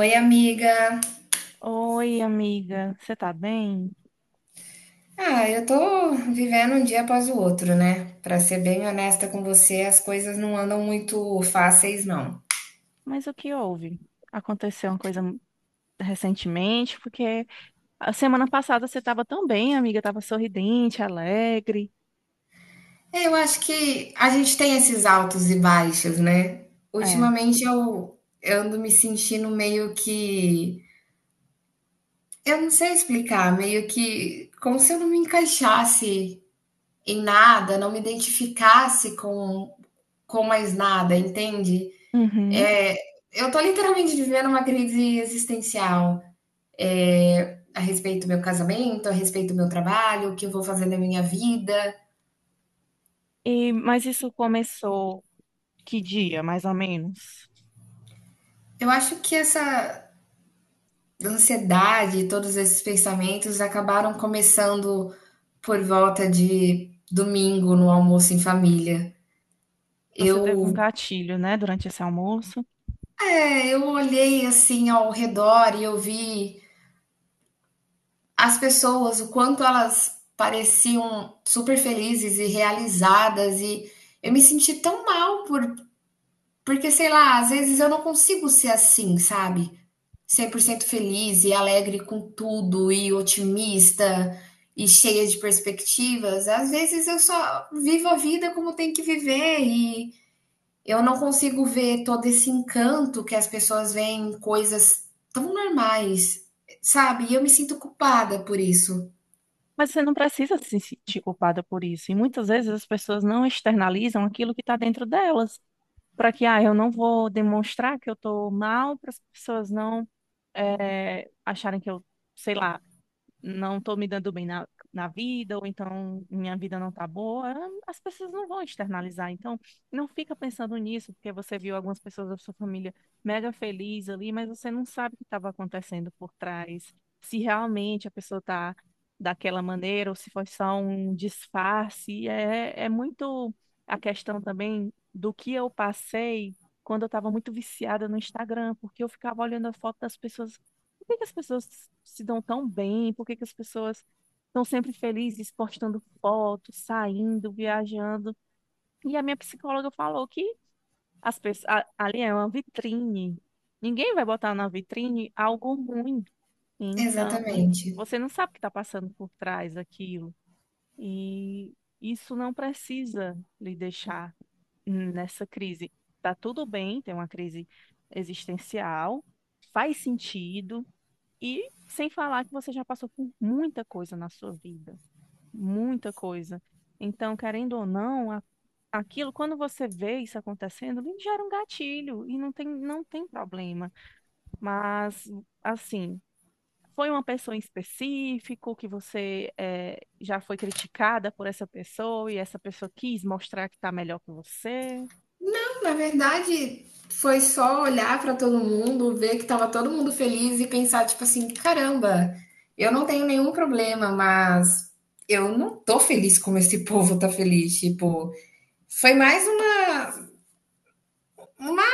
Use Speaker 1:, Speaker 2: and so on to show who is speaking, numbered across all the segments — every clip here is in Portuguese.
Speaker 1: Oi, amiga.
Speaker 2: Oi, amiga, você tá bem?
Speaker 1: Ah, eu tô vivendo um dia após o outro, né? Pra ser bem honesta com você, as coisas não andam muito fáceis, não.
Speaker 2: Mas o que houve? Aconteceu uma coisa recentemente, porque a semana passada você tava tão bem, amiga, tava sorridente, alegre.
Speaker 1: É, eu acho que a gente tem esses altos e baixos, né?
Speaker 2: É.
Speaker 1: Ultimamente eu ando me sentindo meio que. Eu não sei explicar, meio que como se eu não me encaixasse em nada, não me identificasse com mais nada, entende?
Speaker 2: Uhum.
Speaker 1: É, eu tô literalmente vivendo uma crise existencial. É, a respeito do meu casamento, a respeito do meu trabalho, o que eu vou fazer na minha vida.
Speaker 2: Mas isso começou que dia, mais ou menos?
Speaker 1: Eu acho que essa ansiedade, todos esses pensamentos acabaram começando por volta de domingo no almoço em família.
Speaker 2: Você teve um
Speaker 1: Eu,
Speaker 2: gatilho, né, durante esse almoço,
Speaker 1: eu olhei assim ao redor e eu vi as pessoas, o quanto elas pareciam super felizes e realizadas, e eu me senti tão mal porque, sei lá, às vezes eu não consigo ser assim, sabe? 100% feliz e alegre com tudo e otimista e cheia de perspectivas. Às vezes eu só vivo a vida como tem que viver e eu não consigo ver todo esse encanto que as pessoas veem em coisas tão normais, sabe? E eu me sinto culpada por isso.
Speaker 2: mas você não precisa se sentir culpada por isso. E muitas vezes as pessoas não externalizam aquilo que está dentro delas, para que, ah, eu não vou demonstrar que eu estou mal para as pessoas não é, acharem que eu, sei lá, não estou me dando bem na vida, ou então minha vida não tá boa, as pessoas não vão externalizar. Então, não fica pensando nisso, porque você viu algumas pessoas da sua família mega feliz ali, mas você não sabe o que estava acontecendo por trás. Se realmente a pessoa está daquela maneira, ou se foi só um disfarce, é muito a questão também do que eu passei quando eu estava muito viciada no Instagram, porque eu ficava olhando a foto das pessoas. Por que que as pessoas se dão tão bem? Por que que as pessoas estão sempre felizes, postando fotos, saindo, viajando? E a minha psicóloga falou que as pessoas, ali é uma vitrine. Ninguém vai botar na vitrine algo ruim. Então,
Speaker 1: Exatamente.
Speaker 2: você não sabe o que está passando por trás daquilo. E isso não precisa lhe deixar nessa crise. Tá tudo bem, tem uma crise existencial, faz sentido, e sem falar que você já passou por muita coisa na sua vida, muita coisa. Então, querendo ou não, aquilo, quando você vê isso acontecendo, lhe gera um gatilho e não tem problema. Mas, assim, foi uma pessoa em específico que você já foi criticada por essa pessoa e essa pessoa quis mostrar que está melhor que você.
Speaker 1: Na verdade, foi só olhar pra todo mundo, ver que tava todo mundo feliz e pensar, tipo assim, caramba, eu não tenho nenhum problema, mas eu não tô feliz como esse povo tá feliz. Tipo, foi mais uma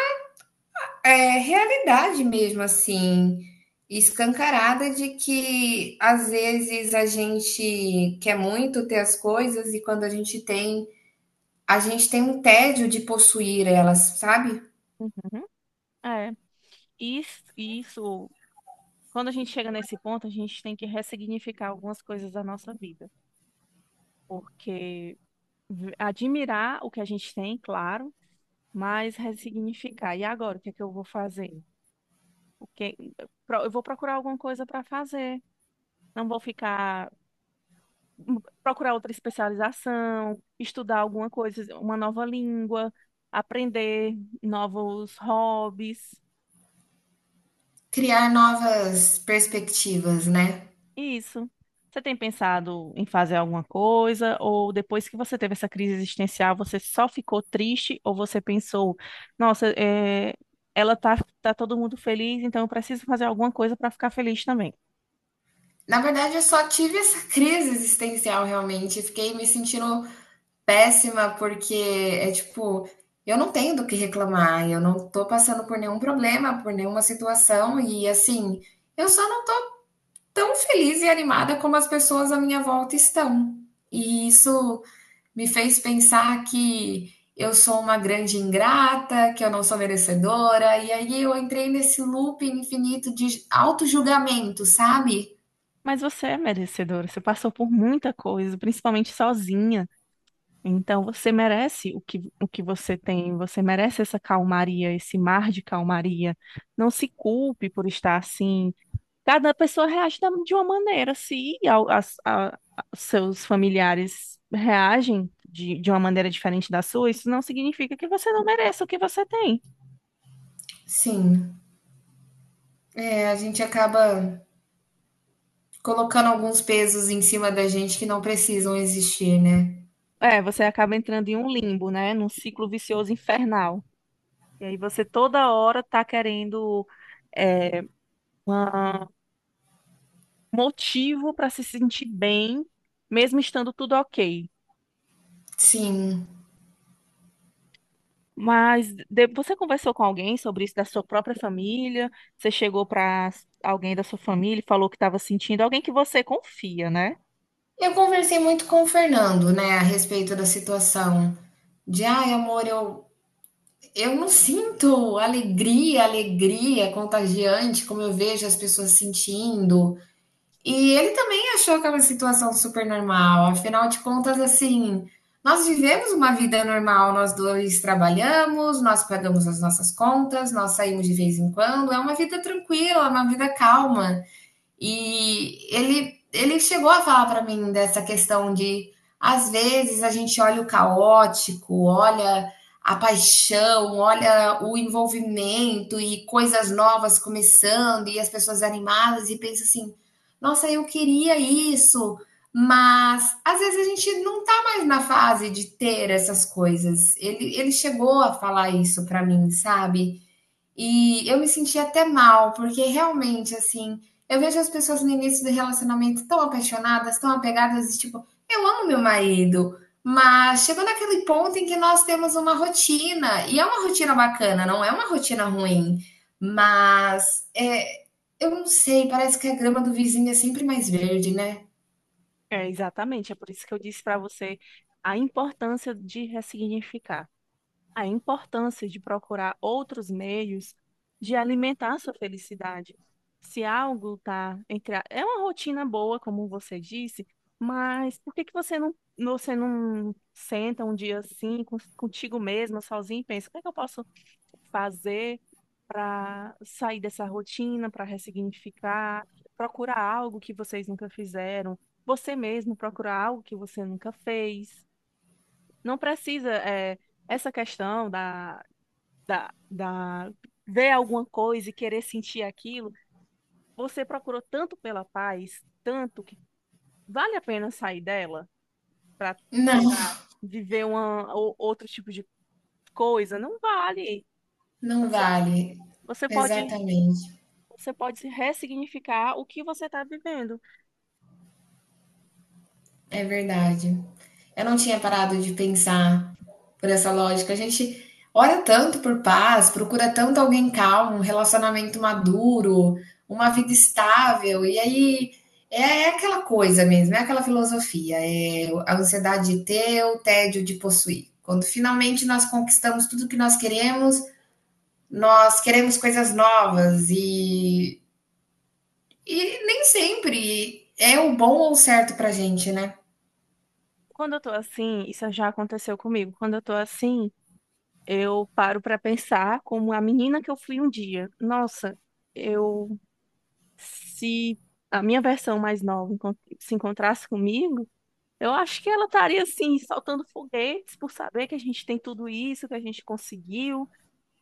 Speaker 1: é, realidade mesmo, assim, escancarada de que às vezes a gente quer muito ter as coisas e quando a gente tem um tédio de possuir elas, sabe?
Speaker 2: Uhum. É, isso, isso, quando a gente chega nesse ponto, a gente tem que ressignificar algumas coisas da nossa vida. Porque admirar o que a gente tem, claro, mas ressignificar. E agora, o que é que eu vou fazer? O que... Eu vou procurar alguma coisa para fazer. Não vou ficar hum, procurar outra especialização, estudar alguma coisa, uma nova língua, aprender novos hobbies.
Speaker 1: Criar novas perspectivas, né?
Speaker 2: Isso. Você tem pensado em fazer alguma coisa? Ou depois que você teve essa crise existencial, você só ficou triste? Ou você pensou, nossa, ela tá, tá todo mundo feliz, então eu preciso fazer alguma coisa para ficar feliz também.
Speaker 1: Na verdade, eu só tive essa crise existencial realmente. Fiquei me sentindo péssima, porque é tipo, eu não tenho do que reclamar, eu não tô passando por nenhum problema, por nenhuma situação, e assim, eu só não tô tão feliz e animada como as pessoas à minha volta estão. E isso me fez pensar que eu sou uma grande ingrata, que eu não sou merecedora, e aí eu entrei nesse loop infinito de auto-julgamento, sabe?
Speaker 2: Mas você é merecedora, você passou por muita coisa, principalmente sozinha. Então você merece o que você tem, você merece essa calmaria, esse mar de calmaria. Não se culpe por estar assim. Cada pessoa reage de uma maneira. Se seus familiares reagem de uma maneira diferente da sua, isso não significa que você não mereça o que você tem.
Speaker 1: Sim, é, a gente acaba colocando alguns pesos em cima da gente que não precisam existir, né?
Speaker 2: É, você acaba entrando em um limbo, né? Num ciclo vicioso infernal. E aí você toda hora tá querendo, é, uma- um motivo para se sentir bem, mesmo estando tudo ok.
Speaker 1: Sim.
Speaker 2: Mas você conversou com alguém sobre isso da sua própria família? Você chegou para alguém da sua família e falou que estava sentindo, alguém que você confia, né?
Speaker 1: Eu conversei muito com o Fernando, né, a respeito da situação. De, ai, amor, eu não sinto alegria, alegria contagiante, como eu vejo as pessoas sentindo. E ele também achou que é uma situação super normal. Afinal de contas, assim, nós vivemos uma vida normal, nós dois trabalhamos, nós pagamos as nossas contas, nós saímos de vez em quando, é uma vida tranquila, é uma vida calma. E ele chegou a falar para mim dessa questão de, às vezes, a gente olha o caótico, olha a paixão, olha o envolvimento e coisas novas começando e as pessoas animadas e pensa assim: nossa, eu queria isso, mas às vezes a gente não tá mais na fase de ter essas coisas. Ele chegou a falar isso para mim, sabe? E eu me senti até mal, porque realmente, assim, eu vejo as pessoas no início do relacionamento tão apaixonadas, tão apegadas, e tipo, eu amo meu marido, mas chegou naquele ponto em que nós temos uma rotina, e é uma rotina bacana, não é uma rotina ruim, mas é, eu não sei, parece que a grama do vizinho é sempre mais verde, né?
Speaker 2: É, exatamente, é por isso que eu disse para você a importância de ressignificar. A importância de procurar outros meios de alimentar a sua felicidade. Se algo tá entre é uma rotina boa, como você disse, mas por que que você não senta um dia assim contigo mesma, sozinha, e pensa, o que é que eu posso fazer para sair dessa rotina, para ressignificar, procurar algo que vocês nunca fizeram, você mesmo procurar algo que você nunca fez. Não precisa, é, essa questão da ver alguma coisa e querer sentir aquilo, você procurou tanto pela paz, tanto que vale a pena sair dela para, sei
Speaker 1: Não,
Speaker 2: lá, viver uma, outro tipo de coisa? Não vale.
Speaker 1: não
Speaker 2: Você,
Speaker 1: vale.
Speaker 2: você pode,
Speaker 1: Exatamente.
Speaker 2: você pode ressignificar o que você está vivendo.
Speaker 1: É verdade. Eu não tinha parado de pensar por essa lógica. A gente ora tanto por paz, procura tanto alguém calmo, um relacionamento maduro, uma vida estável, e aí é aquela coisa mesmo, é aquela filosofia, é a ansiedade de ter, o tédio de possuir. Quando finalmente nós conquistamos tudo que nós queremos coisas novas e nem sempre é o bom ou o certo pra gente, né?
Speaker 2: Quando eu tô assim, isso já aconteceu comigo. Quando eu tô assim, eu paro para pensar como a menina que eu fui um dia. Nossa, eu, se a minha versão mais nova se encontrasse comigo, eu acho que ela estaria assim, soltando foguetes por saber que a gente tem tudo isso, que a gente conseguiu.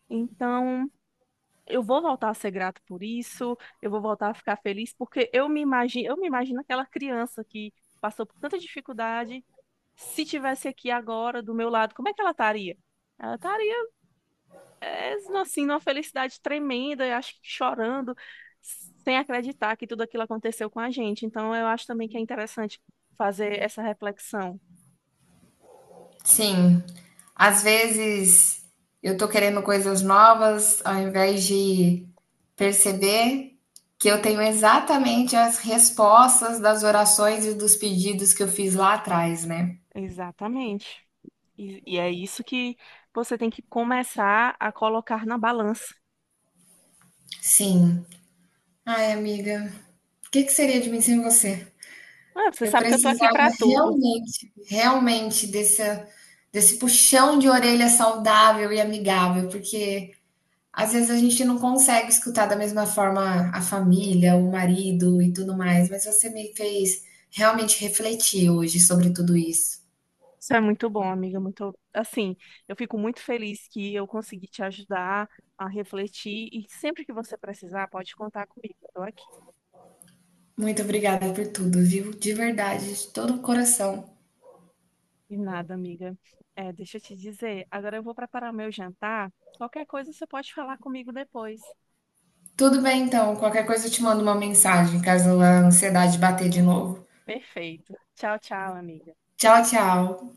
Speaker 2: Então, eu vou voltar a ser grato por isso, eu vou voltar a ficar feliz, porque eu me imagino aquela criança que passou por tanta dificuldade, se tivesse aqui agora do meu lado, como é que ela estaria? Ela estaria, eles, assim, numa felicidade tremenda, eu acho que chorando, sem acreditar que tudo aquilo aconteceu com a gente. Então, eu acho também que é interessante fazer essa reflexão.
Speaker 1: Sim. Às vezes eu tô querendo coisas novas, ao invés de perceber que eu tenho exatamente as respostas das orações e dos pedidos que eu fiz lá atrás, né?
Speaker 2: Exatamente. E é isso que você tem que começar a colocar na balança.
Speaker 1: Sim. Ai, amiga, o que que seria de mim sem você?
Speaker 2: Ah, você
Speaker 1: Eu
Speaker 2: sabe que eu tô aqui
Speaker 1: precisava
Speaker 2: para tudo.
Speaker 1: realmente, realmente desse, desse puxão de orelha saudável e amigável, porque às vezes a gente não consegue escutar da mesma forma a família, o marido e tudo mais, mas você me fez realmente refletir hoje sobre tudo isso.
Speaker 2: Isso é muito bom, amiga. Muito, assim, eu fico muito feliz que eu consegui te ajudar a refletir e sempre que você precisar, pode contar comigo. Eu tô aqui.
Speaker 1: Muito obrigada por tudo, viu? De verdade, de todo o coração.
Speaker 2: De nada, amiga. É, deixa eu te dizer, agora eu vou preparar meu jantar. Qualquer coisa você pode falar comigo depois.
Speaker 1: Tudo bem então, qualquer coisa eu te mando uma mensagem caso a ansiedade bater de novo.
Speaker 2: Perfeito. Tchau, tchau, amiga.
Speaker 1: Tchau, tchau.